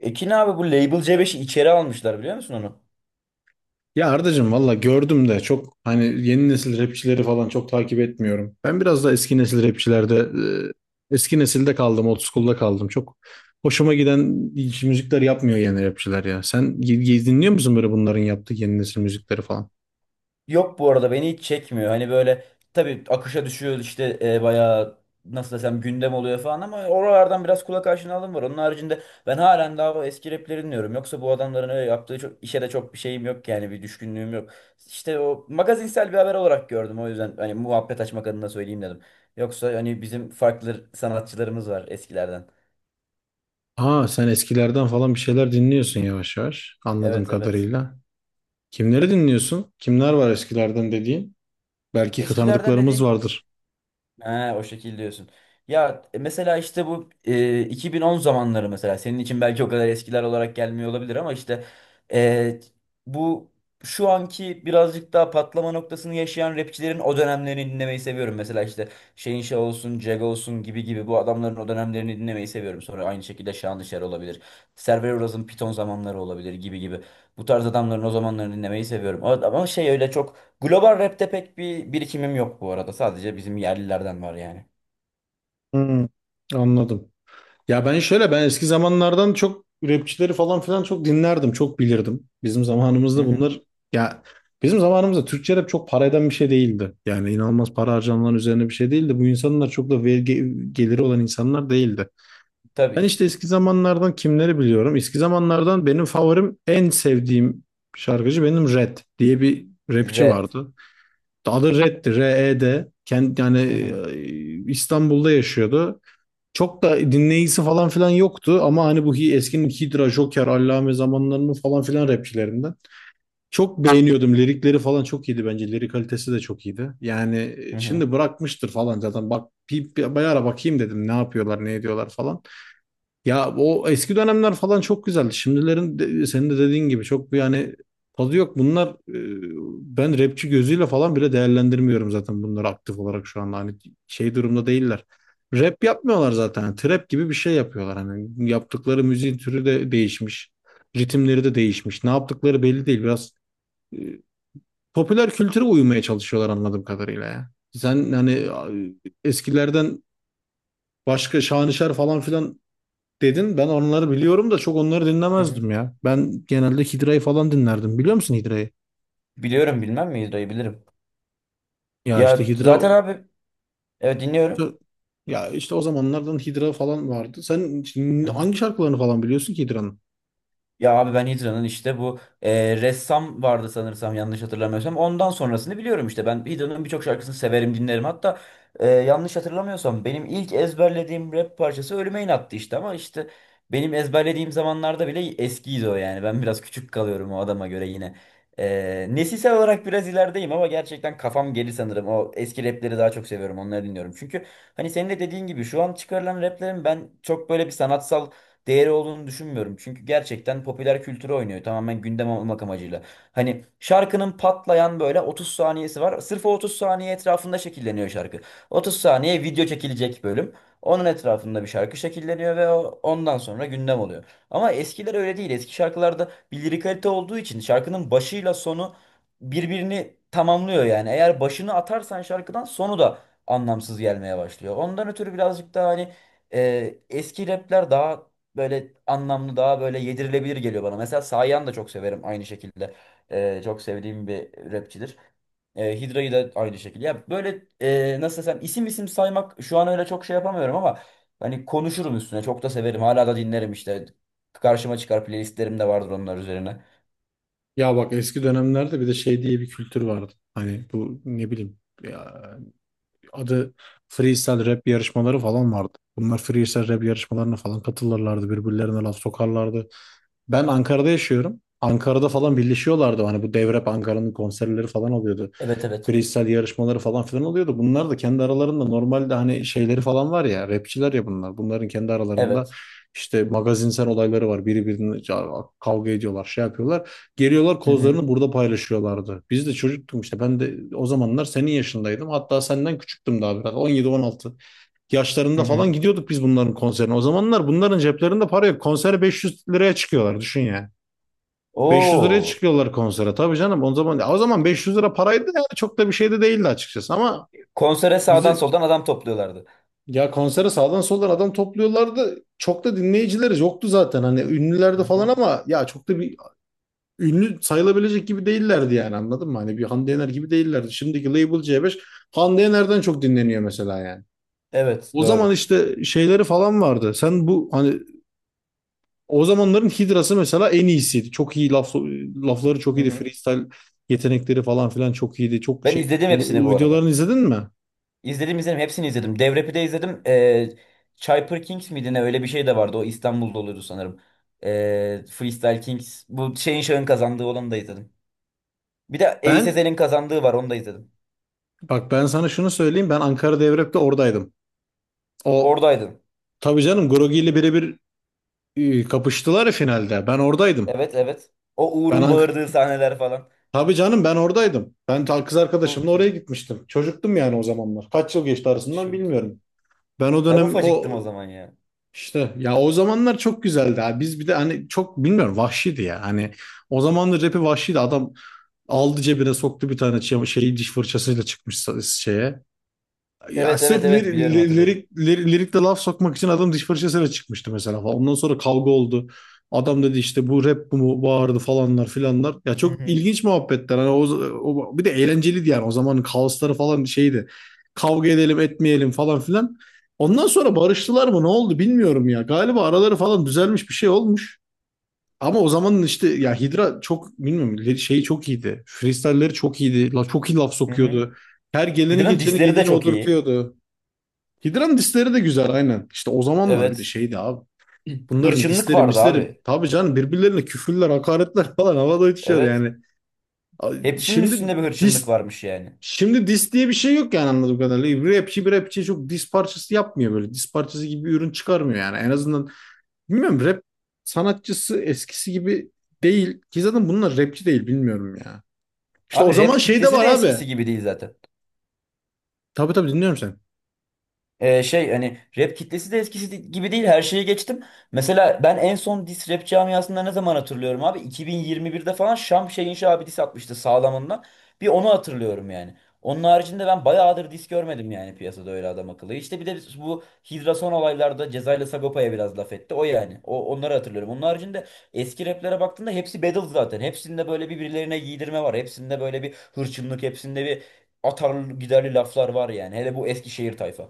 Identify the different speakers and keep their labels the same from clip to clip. Speaker 1: Ekin abi bu Label C5'i içeri almışlar biliyor musun onu?
Speaker 2: Ya Ardacığım valla gördüm de çok hani yeni nesil rapçileri falan çok takip etmiyorum. Ben biraz da eski nesil rapçilerde eski nesilde kaldım, old school'da kaldım. Çok hoşuma giden hiç müzikler yapmıyor yeni rapçiler ya. Sen dinliyor musun böyle bunların yaptığı yeni nesil müzikleri falan?
Speaker 1: Yok, bu arada beni hiç çekmiyor. Hani böyle tabii akışa düşüyor işte, bayağı nasıl desem gündem oluyor falan ama oralardan biraz kulak aşinalığım var. Onun haricinde ben halen daha o eski rapleri dinliyorum. Yoksa bu adamların öyle yaptığı çok, işe de çok bir şeyim yok yani, bir düşkünlüğüm yok. İşte o magazinsel bir haber olarak gördüm, o yüzden hani muhabbet açmak adına söyleyeyim dedim. Yoksa hani bizim farklı sanatçılarımız var eskilerden.
Speaker 2: Aa, sen eskilerden falan bir şeyler dinliyorsun yavaş yavaş anladığım
Speaker 1: Evet, evet.
Speaker 2: kadarıyla. Kimleri dinliyorsun? Kimler var eskilerden dediğin? Belki
Speaker 1: Eskilerden
Speaker 2: tanıdıklarımız
Speaker 1: dediğim...
Speaker 2: vardır.
Speaker 1: Ha, o şekil diyorsun. Ya, mesela işte bu 2010 zamanları mesela senin için belki o kadar eskiler olarak gelmiyor olabilir, ama işte e, bu şu anki birazcık daha patlama noktasını yaşayan rapçilerin o dönemlerini dinlemeyi seviyorum. Mesela işte Şehinşah olsun, Cega olsun, gibi gibi bu adamların o dönemlerini dinlemeyi seviyorum. Sonra aynı şekilde Şahandışar olabilir. Server Uraz'ın Piton zamanları olabilir, gibi gibi. Bu tarz adamların o zamanlarını dinlemeyi seviyorum. Ama şey öyle çok... Global rap'te pek bir birikimim yok bu arada. Sadece bizim yerlilerden var yani.
Speaker 2: Hmm, anladım. Ya ben şöyle, ben eski zamanlardan çok rapçileri falan filan çok dinlerdim, çok bilirdim.
Speaker 1: Hı hı.
Speaker 2: Ya Bizim zamanımızda Türkçe rap çok para eden bir şey değildi. Yani inanılmaz para harcanılan üzerine bir şey değildi. Bu insanlar çok da vergi geliri olan insanlar değildi.
Speaker 1: Tabii
Speaker 2: Ben
Speaker 1: ki.
Speaker 2: işte eski zamanlardan kimleri biliyorum? Eski zamanlardan benim favorim, en sevdiğim şarkıcı benim Red diye bir rapçi
Speaker 1: Red.
Speaker 2: vardı. Adı Red'di, R-E-D. Kendi, yani
Speaker 1: Hı hı.
Speaker 2: İstanbul'da yaşıyordu. Çok da dinleyicisi falan filan yoktu ama hani bu eskinin Hydra, Joker, Allame zamanlarının falan filan rapçilerinden. Çok beğeniyordum. Lirikleri falan çok iyiydi bence. Lirik kalitesi de çok iyiydi. Yani
Speaker 1: Hı hı.
Speaker 2: şimdi bırakmıştır falan zaten. Bak bir ara bakayım dedim ne yapıyorlar, ne ediyorlar falan. Ya o eski dönemler falan çok güzeldi. Şimdilerin senin de dediğin gibi çok bir, yani, tadı yok. Bunlar ben rapçi gözüyle falan bile değerlendirmiyorum zaten bunları, aktif olarak şu anda hani şey durumda değiller. Rap yapmıyorlar zaten. Yani trap gibi bir şey yapıyorlar. Hani yaptıkları müziğin türü de değişmiş. Ritimleri de değişmiş. Ne yaptıkları belli değil. Biraz e, popüler kültüre uymaya çalışıyorlar anladığım kadarıyla ya. Sen hani eskilerden başka şanışer falan filan dedin. Ben onları biliyorum da çok onları
Speaker 1: Hı hı.
Speaker 2: dinlemezdim ya. Ben genelde Hidra'yı falan dinlerdim. Biliyor musun Hidra'yı?
Speaker 1: Biliyorum, bilmem mi? Yüzde bilirim.
Speaker 2: Ya işte
Speaker 1: Ya zaten
Speaker 2: Hidra
Speaker 1: abi, evet, dinliyorum.
Speaker 2: ya işte o zamanlardan Hidra falan vardı. Sen şimdi hangi şarkılarını falan biliyorsun ki Hidra'nın?
Speaker 1: Ya abi, ben Hidra'nın işte bu ressam vardı sanırsam, yanlış hatırlamıyorsam. Ondan sonrasını biliyorum işte. Ben Hidra'nın birçok şarkısını severim, dinlerim. Hatta yanlış hatırlamıyorsam benim ilk ezberlediğim rap parçası Ölüme İnattı işte. Ama işte benim ezberlediğim zamanlarda bile eskiydi o yani. Ben biraz küçük kalıyorum o adama göre yine. Nesilsel olarak biraz ilerideyim ama gerçekten kafam geri sanırım. O eski rapleri daha çok seviyorum, onları dinliyorum. Çünkü hani senin de dediğin gibi şu an çıkarılan raplerin ben çok böyle bir sanatsal değeri olduğunu düşünmüyorum. Çünkü gerçekten popüler kültürü oynuyor. Tamamen gündem olmak amacıyla. Hani şarkının patlayan böyle 30 saniyesi var. Sırf o 30 saniye etrafında şekilleniyor şarkı. 30 saniye video çekilecek bölüm. Onun etrafında bir şarkı şekilleniyor ve ondan sonra gündem oluyor. Ama eskiler öyle değil. Eski şarkılarda bir lirikalite olduğu için şarkının başıyla sonu birbirini tamamlıyor yani. Eğer başını atarsan şarkıdan, sonu da anlamsız gelmeye başlıyor. Ondan ötürü birazcık daha hani eski rapler daha böyle anlamlı, daha böyle yedirilebilir geliyor bana. Mesela Sayan da çok severim aynı şekilde. Çok sevdiğim bir rapçidir. Hidra'yı da aynı şekilde. Ya böyle nasıl desem, isim isim saymak şu an öyle çok şey yapamıyorum ama hani konuşurum üstüne. Çok da severim. Hala da dinlerim işte. Karşıma çıkar, playlistlerim de vardır onlar üzerine.
Speaker 2: Ya bak, eski dönemlerde bir de şey diye bir kültür vardı. Hani bu ne bileyim ya, adı freestyle rap yarışmaları falan vardı. Bunlar freestyle rap yarışmalarına falan katılırlardı. Birbirlerine laf sokarlardı. Ben Ankara'da yaşıyorum. Ankara'da falan birleşiyorlardı. Hani bu Devrep Ankara'nın konserleri falan oluyordu.
Speaker 1: Evet, evet.
Speaker 2: Freestyle yarışmaları falan filan oluyordu. Bunlar da kendi aralarında normalde hani şeyleri falan var ya. Rapçiler ya bunlar. Bunların kendi aralarında
Speaker 1: Evet.
Speaker 2: işte magazinsel olayları var. Biri birine kavga ediyorlar, şey yapıyorlar. Geliyorlar
Speaker 1: Hı hı.
Speaker 2: kozlarını burada paylaşıyorlardı. Biz de çocuktum işte. Ben de o zamanlar senin yaşındaydım. Hatta senden küçüktüm daha biraz. 17-16
Speaker 1: Hı
Speaker 2: yaşlarında
Speaker 1: hı.
Speaker 2: falan gidiyorduk biz bunların konserine. O zamanlar bunların ceplerinde para yok. Konsere 500 liraya çıkıyorlar düşün yani. 500 liraya
Speaker 1: Oo.
Speaker 2: çıkıyorlar konsere. Tabii canım, o zaman o zaman 500 lira paraydı, yani çok da bir şey de değildi açıkçası ama
Speaker 1: Konsere sağdan
Speaker 2: bizi
Speaker 1: soldan adam topluyorlardı.
Speaker 2: ya konsere sağdan soldan adam topluyorlardı. Çok da dinleyicileri yoktu zaten. Hani ünlülerdi
Speaker 1: Hı
Speaker 2: falan
Speaker 1: hı.
Speaker 2: ama ya çok da bir ünlü sayılabilecek gibi değillerdi yani, anladın mı? Hani bir Hande Yener gibi değillerdi. Şimdiki Label C5 Hande Yener'den çok dinleniyor mesela yani.
Speaker 1: Evet,
Speaker 2: O zaman
Speaker 1: doğru.
Speaker 2: işte şeyleri falan vardı. Sen bu hani O zamanların Hidra'sı mesela en iyisiydi. Çok iyi lafları çok
Speaker 1: Hı
Speaker 2: iyiydi.
Speaker 1: hı.
Speaker 2: Freestyle yetenekleri falan filan çok iyiydi. Çok
Speaker 1: Ben
Speaker 2: şey.
Speaker 1: izledim
Speaker 2: O
Speaker 1: hepsini bu arada.
Speaker 2: videolarını izledin mi?
Speaker 1: İzledim, izledim, hepsini izledim. Devrepi de izledim. Cyper Kings miydi ne, öyle bir şey de vardı. O İstanbul'da oluyordu sanırım. Freestyle Kings. Bu şeyin, şahın kazandığı olanı da izledim. Bir de Ace
Speaker 2: Ben
Speaker 1: Ezel'in kazandığı var, onu da izledim.
Speaker 2: Bak, ben sana şunu söyleyeyim. Ben Ankara Devrep'te oradaydım. O
Speaker 1: Oradaydım.
Speaker 2: tabii canım, Grogi ile birebir kapıştılar ya finalde. Ben oradaydım.
Speaker 1: Evet, evet. O
Speaker 2: Ben
Speaker 1: Uğur'un
Speaker 2: Ank
Speaker 1: bağırdığı sahneler falan.
Speaker 2: Tabii canım, ben oradaydım. Ben kız arkadaşımla
Speaker 1: Çok
Speaker 2: oraya
Speaker 1: iyi.
Speaker 2: gitmiştim. Çocuktum yani o zamanlar. Kaç yıl geçti arasından
Speaker 1: Çok iyi.
Speaker 2: bilmiyorum. Ben o
Speaker 1: Ben
Speaker 2: dönem
Speaker 1: ufacıktım
Speaker 2: o
Speaker 1: o zaman ya.
Speaker 2: İşte ya, o zamanlar çok güzeldi abi. Biz bir de hani, çok bilmiyorum, vahşiydi ya. Hani o zamanlar rapi vahşiydi. Adam aldı, cebine soktu bir tane şey, diş fırçasıyla çıkmış şeye. Ya
Speaker 1: Evet,
Speaker 2: sırf
Speaker 1: evet, evet, biliyorum, hatırlıyorum.
Speaker 2: lirikte laf sokmak için adam diş fırçasıyla çıkmıştı mesela falan. Ondan sonra kavga oldu. Adam dedi işte bu rap bu mu, bağırdı falanlar filanlar. Ya
Speaker 1: Hı
Speaker 2: çok
Speaker 1: hı.
Speaker 2: ilginç muhabbetler. Hani o, bir de eğlenceliydi yani. O zamanın kaosları falan şeydi. Kavga edelim etmeyelim falan filan. Ondan sonra barıştılar mı ne oldu bilmiyorum ya. Galiba araları falan düzelmiş, bir şey olmuş. Ama o zamanın işte, ya Hidra, çok bilmiyorum, şeyi çok iyiydi. Freestyle'leri çok iyiydi. La, çok iyi laf
Speaker 1: Hı hı.
Speaker 2: sokuyordu. Her geleni
Speaker 1: Hydra'nın
Speaker 2: geçeni
Speaker 1: disleri de
Speaker 2: gediğini
Speaker 1: çok iyi.
Speaker 2: odurtuyordu. Hidra'nın disleri de güzel, aynen. İşte o zamanlar bir de
Speaker 1: Evet.
Speaker 2: şeydi abi. Bunların
Speaker 1: Hırçınlık
Speaker 2: disleri
Speaker 1: vardı
Speaker 2: misleri
Speaker 1: abi.
Speaker 2: tabii canım, birbirlerine küfürler, hakaretler falan havada uçuşuyordu
Speaker 1: Evet.
Speaker 2: yani.
Speaker 1: Hepsinin
Speaker 2: Şimdi
Speaker 1: üstünde bir hırçınlık
Speaker 2: dis
Speaker 1: varmış yani.
Speaker 2: Şimdi dis diye bir şey yok yani, anladığım kadarıyla. Bir rapçi çok dis parçası yapmıyor böyle. Dis parçası gibi bir ürün çıkarmıyor yani. En azından, bilmiyorum, rap sanatçısı eskisi gibi değil. Ki zaten bunlar rapçi değil, bilmiyorum ya. İşte o
Speaker 1: Abi
Speaker 2: zaman
Speaker 1: rap
Speaker 2: şey de
Speaker 1: kitlesi
Speaker 2: var
Speaker 1: de
Speaker 2: abi.
Speaker 1: eskisi gibi değil zaten.
Speaker 2: Tabii tabii, dinliyorum seni.
Speaker 1: Şey hani rap kitlesi de eskisi gibi değil, her şeye geçtim. Mesela ben en son diss rap camiasında ne zaman hatırlıyorum abi? 2021'de falan Şam Şeyinşi abi diss atmıştı sağlamında. Bir onu hatırlıyorum yani. Onun haricinde ben bayağıdır diss görmedim yani piyasada öyle adam akıllı. İşte bir de biz bu Hidra son olaylarda Ceza ile Sagopa'ya biraz laf etti. O yani. Onları hatırlıyorum. Onun haricinde eski raplere baktığında hepsi battle zaten. Hepsinde böyle birbirlerine giydirme var. Hepsinde böyle bir hırçınlık, hepsinde bir atarlı giderli laflar var yani. Hele bu Eskişehir tayfa.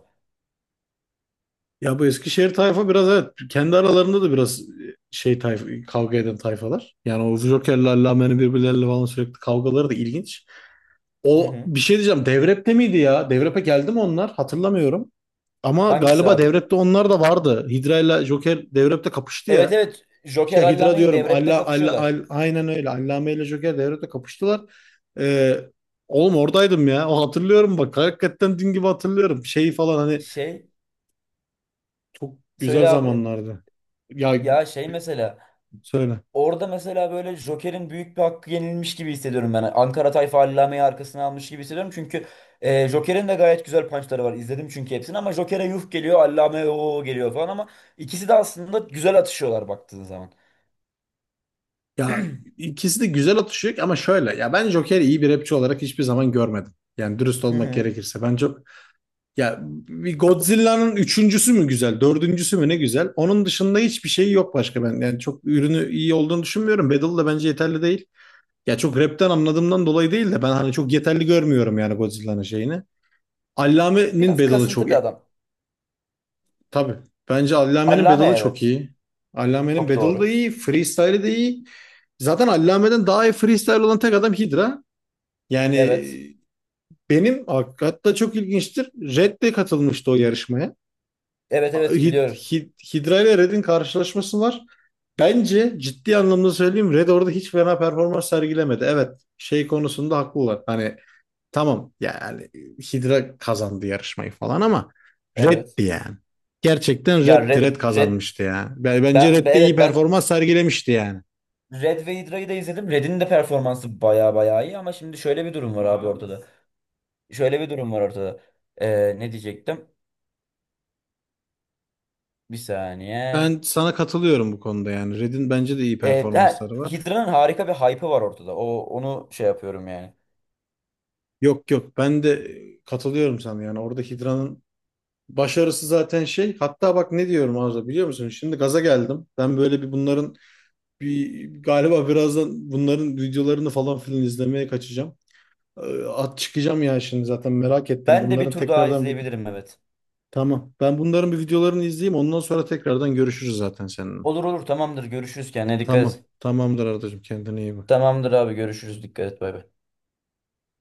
Speaker 2: Ya bu Eskişehir tayfa biraz evet, kendi aralarında da biraz şey tayfa, kavga eden tayfalar. Yani o Joker'le Allame'nin birbirleriyle falan sürekli kavgaları da ilginç.
Speaker 1: Hı
Speaker 2: O,
Speaker 1: hı.
Speaker 2: bir şey diyeceğim, Devrep'te miydi ya? Devrep'e geldi mi onlar? Hatırlamıyorum. Ama
Speaker 1: Hangisi
Speaker 2: galiba
Speaker 1: abi?
Speaker 2: Devrep'te onlar da vardı. Hidra ile Joker Devrep'te kapıştı
Speaker 1: Evet,
Speaker 2: ya.
Speaker 1: evet, Joker
Speaker 2: Şey Hidra
Speaker 1: Allame'yi
Speaker 2: diyorum.
Speaker 1: devrepte
Speaker 2: Allah Allah,
Speaker 1: kapışıyorlar.
Speaker 2: Aynen öyle. Allame ile Joker Devrep'te kapıştılar. Ee, oğlum, oradaydım ya. O, hatırlıyorum bak. Hakikaten dün gibi hatırlıyorum. Şeyi falan hani
Speaker 1: Şey,
Speaker 2: Çok güzel
Speaker 1: söyle abi.
Speaker 2: zamanlardı. Ya
Speaker 1: Ya şey mesela,
Speaker 2: söyle.
Speaker 1: orada mesela böyle Joker'in büyük bir hakkı yenilmiş gibi hissediyorum ben. Ankara tayfa Allame'yi arkasına almış gibi hissediyorum. Çünkü Joker'in de gayet güzel punchları var. İzledim çünkü hepsini, ama Joker'e yuh geliyor, Allame o geliyor falan, ama ikisi de aslında güzel atışıyorlar baktığın zaman.
Speaker 2: Ya ikisi de güzel atışıyor ama şöyle. Ya ben Joker'i iyi bir rapçi olarak hiçbir zaman görmedim. Yani dürüst
Speaker 1: Hı
Speaker 2: olmak
Speaker 1: hı.
Speaker 2: gerekirse. Ben çok, ya, bir Godzilla'nın üçüncüsü mü güzel, dördüncüsü mü ne güzel. Onun dışında hiçbir şey yok başka ben. Yani çok ürünü iyi olduğunu düşünmüyorum. Battle da bence yeterli değil. Ya çok rapten anladığımdan dolayı değil de ben hani çok yeterli görmüyorum yani Godzilla'nın şeyini. Allame'nin
Speaker 1: Biraz
Speaker 2: Battle'ı
Speaker 1: kasıntı
Speaker 2: çok.
Speaker 1: bir adam.
Speaker 2: Tabii. Bence Allame'nin
Speaker 1: Allame,
Speaker 2: Bedalı çok
Speaker 1: evet.
Speaker 2: iyi. Allame'nin
Speaker 1: Çok
Speaker 2: Bedalı da
Speaker 1: doğru.
Speaker 2: iyi. Freestyle'i de iyi. Zaten Allame'den daha iyi freestyle olan tek adam Hydra. Yani
Speaker 1: Evet.
Speaker 2: benim hatta çok ilginçtir. Red de katılmıştı o yarışmaya.
Speaker 1: Evet, evet, biliyorum.
Speaker 2: Hydra ile Red'in karşılaşması var. Bence ciddi anlamda söyleyeyim, Red orada hiç fena performans sergilemedi. Evet, şey konusunda haklılar. Hani, tamam yani, Hydra kazandı yarışmayı falan ama
Speaker 1: Evet.
Speaker 2: Red'di yani. Gerçekten
Speaker 1: Ya
Speaker 2: Red'di. Red
Speaker 1: Red,
Speaker 2: kazanmıştı ya. Bence Red de iyi
Speaker 1: Evet, ben
Speaker 2: performans sergilemişti yani.
Speaker 1: Red ve Hydra'yı da izledim. Red'in de performansı baya baya iyi, ama şimdi şöyle bir durum var abi ortada. Şöyle bir durum var ortada. Ne diyecektim? Bir saniye.
Speaker 2: Ben sana katılıyorum bu konuda yani. Red'in bence de iyi
Speaker 1: Ha,
Speaker 2: performansları var.
Speaker 1: Hydra'nın harika bir hype'ı var ortada. O onu şey yapıyorum yani.
Speaker 2: Yok yok, ben de katılıyorum sana yani. Orada Hydra'nın başarısı zaten şey. Hatta bak ne diyorum Arda, biliyor musun? Şimdi gaza geldim. Ben böyle bir bunların bir galiba birazdan bunların videolarını falan filan izlemeye kaçacağım. At çıkacağım ya şimdi, zaten merak ettim.
Speaker 1: Ben de bir
Speaker 2: Bunların
Speaker 1: tur daha
Speaker 2: tekrardan
Speaker 1: izleyebilirim, evet.
Speaker 2: Tamam. Ben bunların bir videolarını izleyeyim. Ondan sonra tekrardan görüşürüz zaten seninle.
Speaker 1: Olur, olur, tamamdır, görüşürüz, kendine dikkat
Speaker 2: Tamam.
Speaker 1: et.
Speaker 2: Tamamdır Ardacığım. Kendine iyi bak.
Speaker 1: Tamamdır abi, görüşürüz, dikkat et, bay bay.